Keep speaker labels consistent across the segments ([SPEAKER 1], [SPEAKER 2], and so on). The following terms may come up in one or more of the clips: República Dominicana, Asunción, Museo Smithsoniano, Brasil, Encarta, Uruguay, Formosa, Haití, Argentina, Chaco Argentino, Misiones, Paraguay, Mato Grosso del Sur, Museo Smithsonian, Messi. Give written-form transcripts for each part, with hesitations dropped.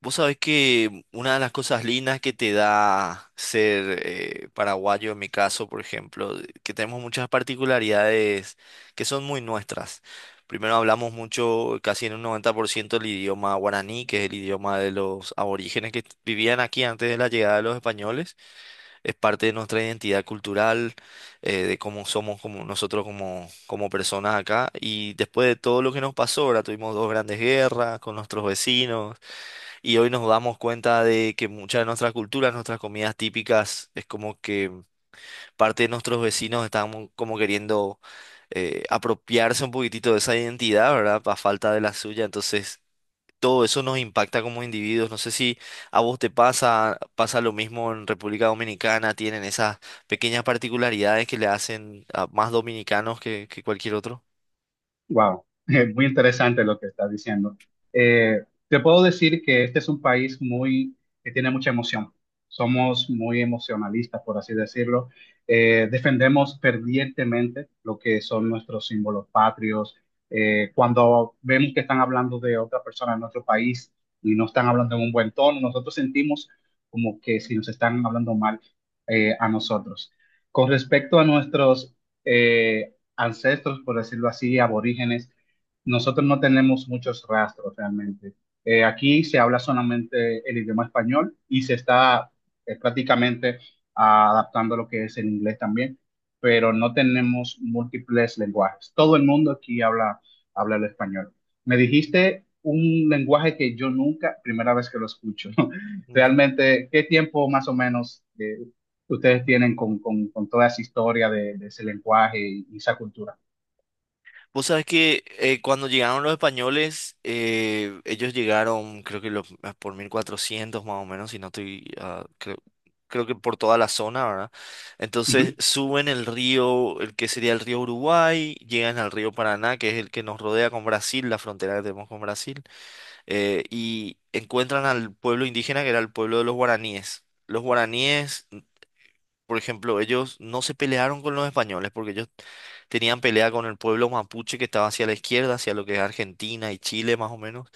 [SPEAKER 1] Vos sabés que una de las cosas lindas que te da ser paraguayo, en mi caso, por ejemplo, que tenemos muchas particularidades que son muy nuestras. Primero hablamos mucho, casi en un 90%, el idioma guaraní, que es el idioma de los aborígenes que vivían aquí antes de la llegada de los españoles. Es parte de nuestra identidad cultural, de cómo somos como nosotros como personas acá. Y después de todo lo que nos pasó, ahora tuvimos dos grandes guerras con nuestros vecinos y hoy nos damos cuenta de que muchas de nuestras culturas, nuestras comidas típicas, es como que parte de nuestros vecinos están como queriendo apropiarse un poquitito de esa identidad, ¿verdad? A falta de la suya. Entonces, todo eso nos impacta como individuos. No sé si a vos te pasa, pasa lo mismo en República Dominicana, tienen esas pequeñas particularidades que le hacen a más dominicanos que cualquier otro.
[SPEAKER 2] Wow, muy interesante lo que estás diciendo. Eh, Te puedo decir que este es un país muy que tiene mucha emoción. Somos muy emocionalistas, por así decirlo. Defendemos fervientemente lo que son nuestros símbolos patrios. Cuando vemos que están hablando de otra persona en nuestro país y no están hablando en un buen tono, nosotros sentimos como que si nos están hablando mal a nosotros. Con respecto a nuestros eh, ancestros, por decirlo así, aborígenes, nosotros no tenemos muchos rastros realmente. Aquí se habla solamente el idioma español y se está prácticamente adaptando lo que es el inglés también, pero no tenemos múltiples lenguajes. Todo el mundo aquí habla, habla el español. Me dijiste un lenguaje que yo nunca, primera vez que lo escucho. Realmente, ¿qué tiempo más o menos que ustedes tienen con toda esa historia de ese lenguaje y esa cultura?
[SPEAKER 1] Vos sabés que cuando llegaron los españoles, ellos llegaron, creo que por 1400 más o menos, si no estoy, creo que por toda la zona, ¿verdad? Entonces
[SPEAKER 2] Ujú,
[SPEAKER 1] suben el río, el que sería el río Uruguay, llegan al río Paraná, que es el que nos rodea con Brasil, la frontera que tenemos con Brasil, y encuentran al pueblo indígena que era el pueblo de los guaraníes. Los guaraníes por ejemplo, ellos no se pelearon con los españoles porque ellos tenían pelea con el pueblo mapuche que estaba hacia la izquierda, hacia lo que es Argentina y Chile más o menos,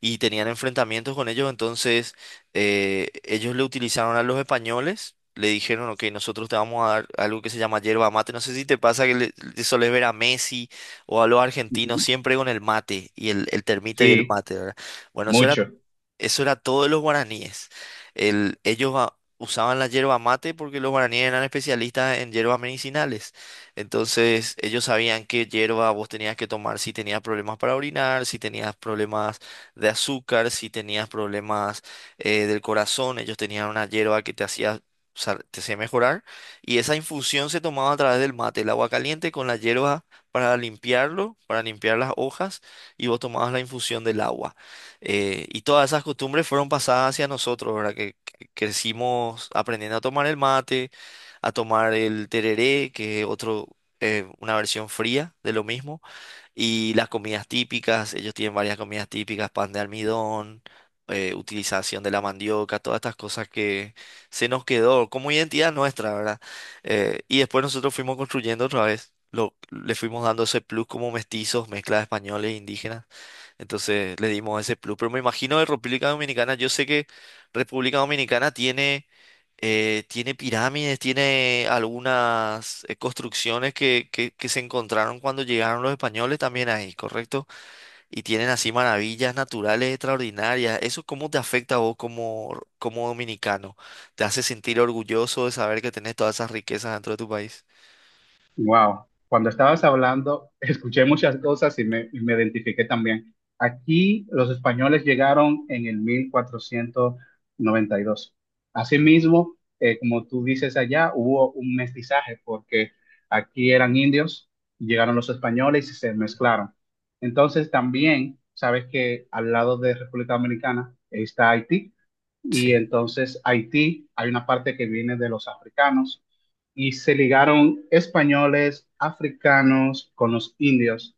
[SPEAKER 1] y tenían enfrentamientos con ellos, entonces ellos le utilizaron a los españoles, le dijeron, ok, nosotros te vamos a dar algo que se llama yerba mate, no sé si te pasa que le solés ver a Messi o a los argentinos
[SPEAKER 2] ujú.
[SPEAKER 1] siempre con el mate y el termito y el
[SPEAKER 2] Sí,
[SPEAKER 1] mate, ¿verdad? Bueno, eso era
[SPEAKER 2] mucho.
[SPEAKER 1] eso era todo de los guaraníes. Ellos usaban la yerba mate porque los guaraníes eran especialistas en hierbas medicinales. Entonces, ellos sabían qué hierba vos tenías que tomar si tenías problemas para orinar, si tenías problemas de azúcar, si tenías problemas del corazón. Ellos tenían una hierba que te hacía mejorar. Y esa infusión se tomaba a través del mate, el agua caliente con la hierba para limpiarlo, para limpiar las hojas, y vos tomabas la infusión del agua. Y todas esas costumbres fueron pasadas hacia nosotros, ¿verdad? Que crecimos aprendiendo a tomar el mate, a tomar el tereré, que es otro, una versión fría de lo mismo. Y las comidas típicas, ellos tienen varias comidas típicas, pan de almidón, utilización de la mandioca, todas estas cosas que se nos quedó como identidad nuestra, ¿verdad? Y después nosotros fuimos construyendo otra vez, le fuimos dando ese plus como mestizos, mezcla de españoles e indígenas. Entonces le dimos ese plus. Pero me imagino de República Dominicana, yo sé que República Dominicana tiene tiene pirámides, tiene algunas construcciones que se encontraron cuando llegaron los españoles también ahí, ¿correcto? Y tienen así maravillas naturales extraordinarias. ¿Eso cómo te afecta a vos como dominicano? ¿Te hace sentir orgulloso de saber que tenés todas esas riquezas dentro de tu país?
[SPEAKER 2] Wow, cuando estabas hablando, escuché muchas cosas y y me identifiqué también. Aquí los españoles llegaron en el 1492. Asimismo, como tú dices allá, hubo un mestizaje porque aquí eran indios, llegaron los españoles y se mezclaron. Entonces también, sabes que al lado de República Dominicana está Haití, y
[SPEAKER 1] Sí,
[SPEAKER 2] entonces Haití hay una parte que viene de los africanos y se ligaron españoles, africanos con los indios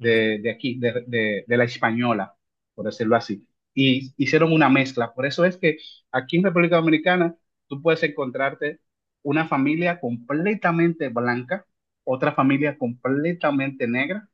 [SPEAKER 1] ujú,
[SPEAKER 2] de aquí, de la española, por decirlo así. Y hicieron una mezcla. Por eso es que aquí en República Dominicana tú puedes encontrarte una familia completamente blanca, otra familia completamente negra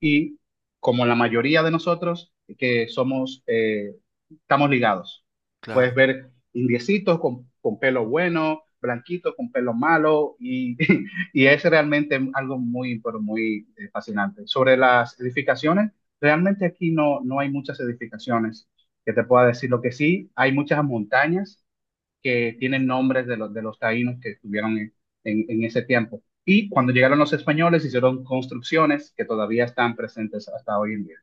[SPEAKER 2] y, como la mayoría de nosotros que somos, estamos ligados. Puedes
[SPEAKER 1] claro.
[SPEAKER 2] ver indiecitos con pelo bueno, blanquitos con pelo malo, y, y es realmente algo muy, pero muy fascinante. Sobre las edificaciones, realmente aquí no, no hay muchas edificaciones que te pueda decir. Lo que sí, hay muchas montañas que tienen nombres de los taínos que estuvieron en, en ese tiempo. Y cuando llegaron los españoles, hicieron construcciones que todavía están presentes hasta hoy en día.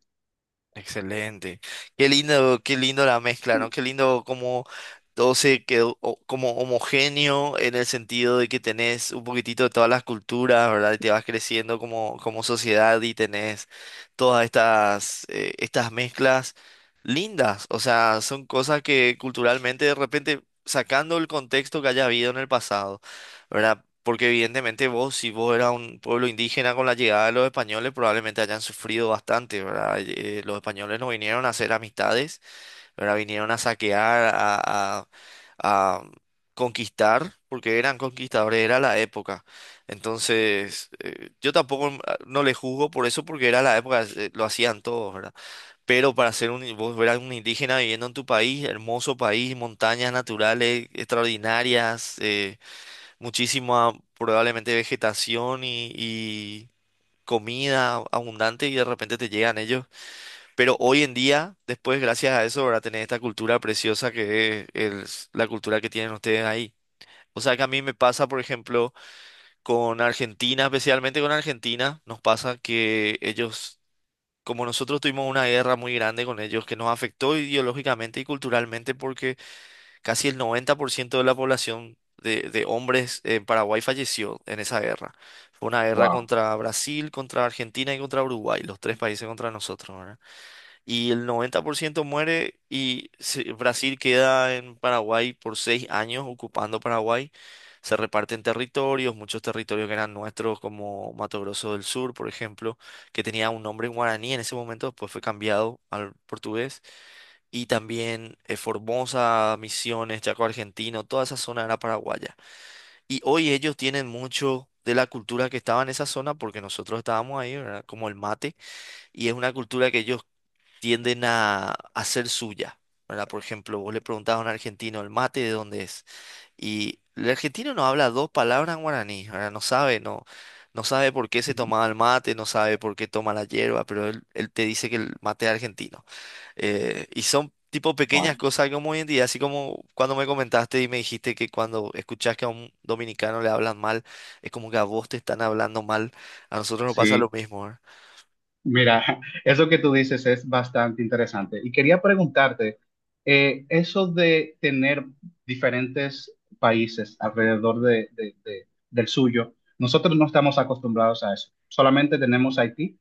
[SPEAKER 1] Excelente. Qué lindo la mezcla, ¿no? Qué lindo como todo se quedó como homogéneo en el sentido de que tenés un poquitito de todas las culturas, ¿verdad? Y te vas creciendo como sociedad y tenés todas estas mezclas lindas. O sea, son cosas que culturalmente de repente, sacando el contexto que haya habido en el pasado. ¿Verdad? Porque evidentemente vos, si vos eras un pueblo indígena con la llegada de los españoles, probablemente hayan sufrido bastante, ¿verdad? Los españoles no vinieron a hacer amistades, ¿verdad? Vinieron a saquear, a- a conquistar, porque eran conquistadores, era la época. Entonces, yo tampoco no le juzgo por eso, porque era la época, lo hacían todos, ¿verdad? Pero para ser un, vos eras un indígena viviendo en tu país, hermoso país, montañas naturales extraordinarias, muchísima probablemente vegetación y comida abundante y de repente te llegan ellos. Pero hoy en día, después, gracias a eso, ahora tenés esta cultura preciosa que es la cultura que tienen ustedes ahí. O sea que a mí me pasa, por ejemplo, con Argentina, especialmente con Argentina, nos pasa que ellos, como nosotros tuvimos una guerra muy grande con ellos que nos afectó ideológicamente y culturalmente porque casi el 90% de la población de hombres en Paraguay falleció en esa guerra. Fue una guerra
[SPEAKER 2] Wow,
[SPEAKER 1] contra Brasil, contra Argentina y contra Uruguay, los tres países contra nosotros, ¿verdad? Y el 90% muere Brasil queda en Paraguay por 6 años ocupando Paraguay. Se reparten territorios, muchos territorios que eran nuestros, como Mato Grosso del Sur, por ejemplo, que tenía un nombre en guaraní en ese momento, después fue cambiado al portugués y también Formosa, Misiones, Chaco Argentino, toda esa zona era paraguaya. Y hoy ellos tienen mucho de la cultura que estaba en esa zona porque nosotros estábamos ahí, ¿verdad? Como el mate, y es una cultura que ellos tienden a hacer suya, ¿verdad? Por ejemplo, vos le preguntás a un argentino, ¿el mate de dónde es? Y el argentino no habla dos palabras en guaraní, ¿verdad? No sabe, no. No sabe por qué se tomaba el mate, no sabe por qué toma la hierba, pero él te dice que el mate es argentino. Y son tipo
[SPEAKER 2] wow.
[SPEAKER 1] pequeñas cosas como hoy en día, así como cuando me comentaste y me dijiste que cuando escuchás que a un dominicano le hablan mal, es como que a vos te están hablando mal, a nosotros nos pasa lo
[SPEAKER 2] Sí.
[SPEAKER 1] mismo, ¿verdad?
[SPEAKER 2] Mira, eso que tú dices es bastante interesante. Y quería preguntarte, eso de tener diferentes países alrededor del suyo. Nosotros no estamos acostumbrados a eso. Solamente tenemos Haití,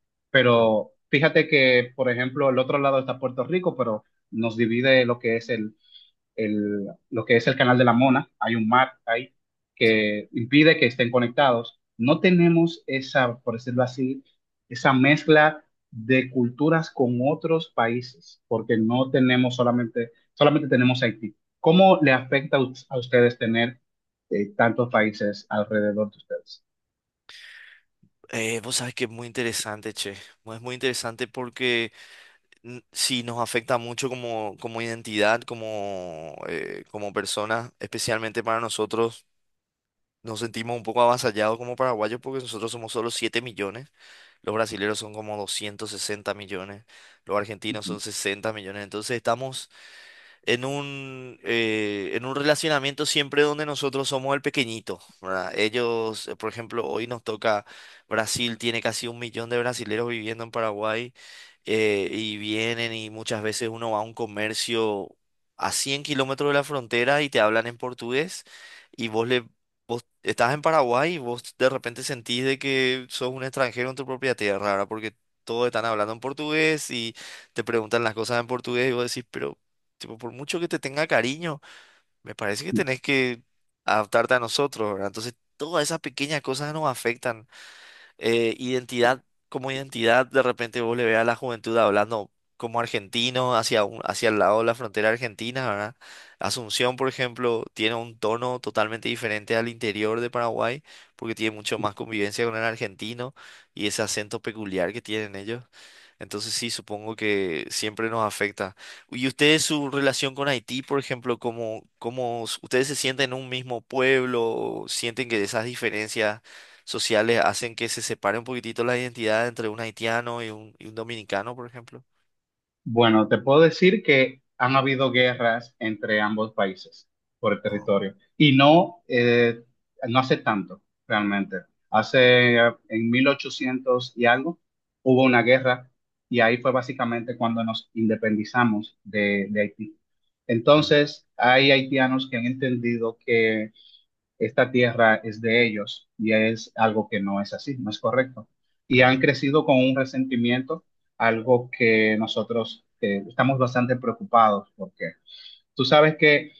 [SPEAKER 1] Ah,
[SPEAKER 2] pero fíjate que, por ejemplo, el otro lado está Puerto Rico, pero nos divide lo que es lo que es el canal de la Mona. Hay un mar ahí
[SPEAKER 1] sí.
[SPEAKER 2] que impide que estén conectados. No tenemos esa, por decirlo así, esa mezcla de culturas con otros países, porque no tenemos solamente, solamente tenemos Haití. ¿Cómo le afecta a ustedes tener tantos países alrededor de ustedes?
[SPEAKER 1] Vos sabés que es muy interesante, che. Es muy interesante porque sí nos afecta mucho como identidad, como personas, especialmente para nosotros. Nos sentimos un poco avasallados como paraguayos porque nosotros somos solo 7 millones. Los brasileros son como 260 millones, los argentinos son 60 millones. Entonces estamos en un relacionamiento siempre donde nosotros somos el pequeñito, ¿verdad? Ellos, por ejemplo, hoy nos toca Brasil, tiene casi un millón de brasileros viviendo en Paraguay y vienen y muchas veces uno va a un comercio a 100 kilómetros de la frontera y te hablan en portugués. y vos le... Vos estás en Paraguay y vos de repente sentís de que sos un extranjero en tu propia tierra, ¿verdad? Porque todos están hablando en portugués y te preguntan las cosas en portugués y vos decís, pero tipo, por mucho que te tenga cariño, me parece que tenés que adaptarte a nosotros, ¿verdad? Entonces, todas esas pequeñas cosas nos afectan. Eh, identidad, como identidad, de repente vos le veas a la juventud hablando como argentino hacia el lado de la frontera argentina, ¿verdad? Asunción, por ejemplo, tiene un tono totalmente diferente al interior de Paraguay, porque tiene mucho más convivencia con el argentino y ese acento peculiar que tienen ellos. Entonces sí, supongo que siempre nos afecta. ¿Y ustedes su relación con Haití, por ejemplo, cómo, ustedes se sienten en un mismo pueblo? ¿O sienten que esas diferencias sociales hacen que se separe un poquitito la identidad entre un haitiano y un dominicano, por ejemplo?
[SPEAKER 2] Bueno, te puedo decir que han habido guerras entre ambos países por el
[SPEAKER 1] Ah,
[SPEAKER 2] territorio y no, no hace tanto realmente. Hace en 1800 y algo hubo una guerra y ahí fue básicamente cuando nos independizamos de Haití.
[SPEAKER 1] claro,
[SPEAKER 2] Entonces, hay haitianos que han entendido que esta tierra es de ellos, y es algo que no es así, no es correcto. Y han
[SPEAKER 1] claro,
[SPEAKER 2] crecido con un resentimiento, algo que nosotros estamos bastante preocupados porque tú sabes que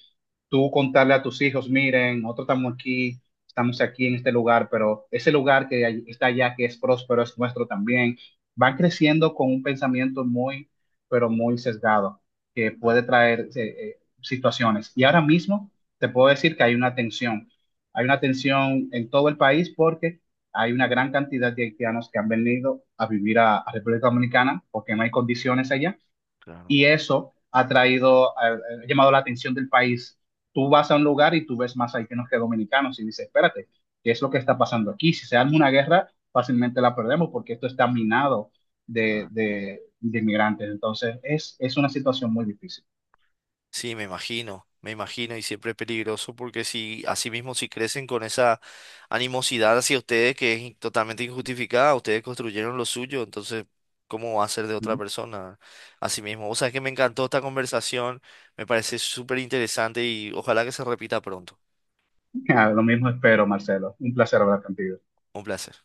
[SPEAKER 2] tú contarle a tus hijos, miren, nosotros estamos aquí en este lugar, pero ese lugar está allá, que es próspero, es nuestro también, van
[SPEAKER 1] ujú.
[SPEAKER 2] creciendo con un pensamiento muy, pero muy sesgado, que
[SPEAKER 1] Claro,
[SPEAKER 2] puede traer situaciones. Y ahora mismo te puedo decir que hay una tensión en todo el país porque hay una gran cantidad de haitianos que han venido a vivir a República Dominicana porque no hay condiciones allá,
[SPEAKER 1] claro.
[SPEAKER 2] y eso ha traído, ha, llamado la atención del país. Tú vas a un lugar y tú ves más haitianos que dominicanos y dices, espérate, ¿qué es lo que está pasando aquí? Si se arma una guerra, fácilmente la perdemos porque esto está minado
[SPEAKER 1] Claro.
[SPEAKER 2] de inmigrantes. Entonces, es una situación muy difícil.
[SPEAKER 1] Sí, me imagino y siempre es peligroso porque si así mismo si crecen con esa animosidad hacia ustedes que es totalmente injustificada, ustedes construyeron lo suyo, entonces ¿cómo va a ser de otra persona? Así mismo, o sea, es que me encantó esta conversación, me parece súper interesante y ojalá que se repita pronto.
[SPEAKER 2] Lo mismo espero, Marcelo. Un placer hablar contigo.
[SPEAKER 1] Un placer.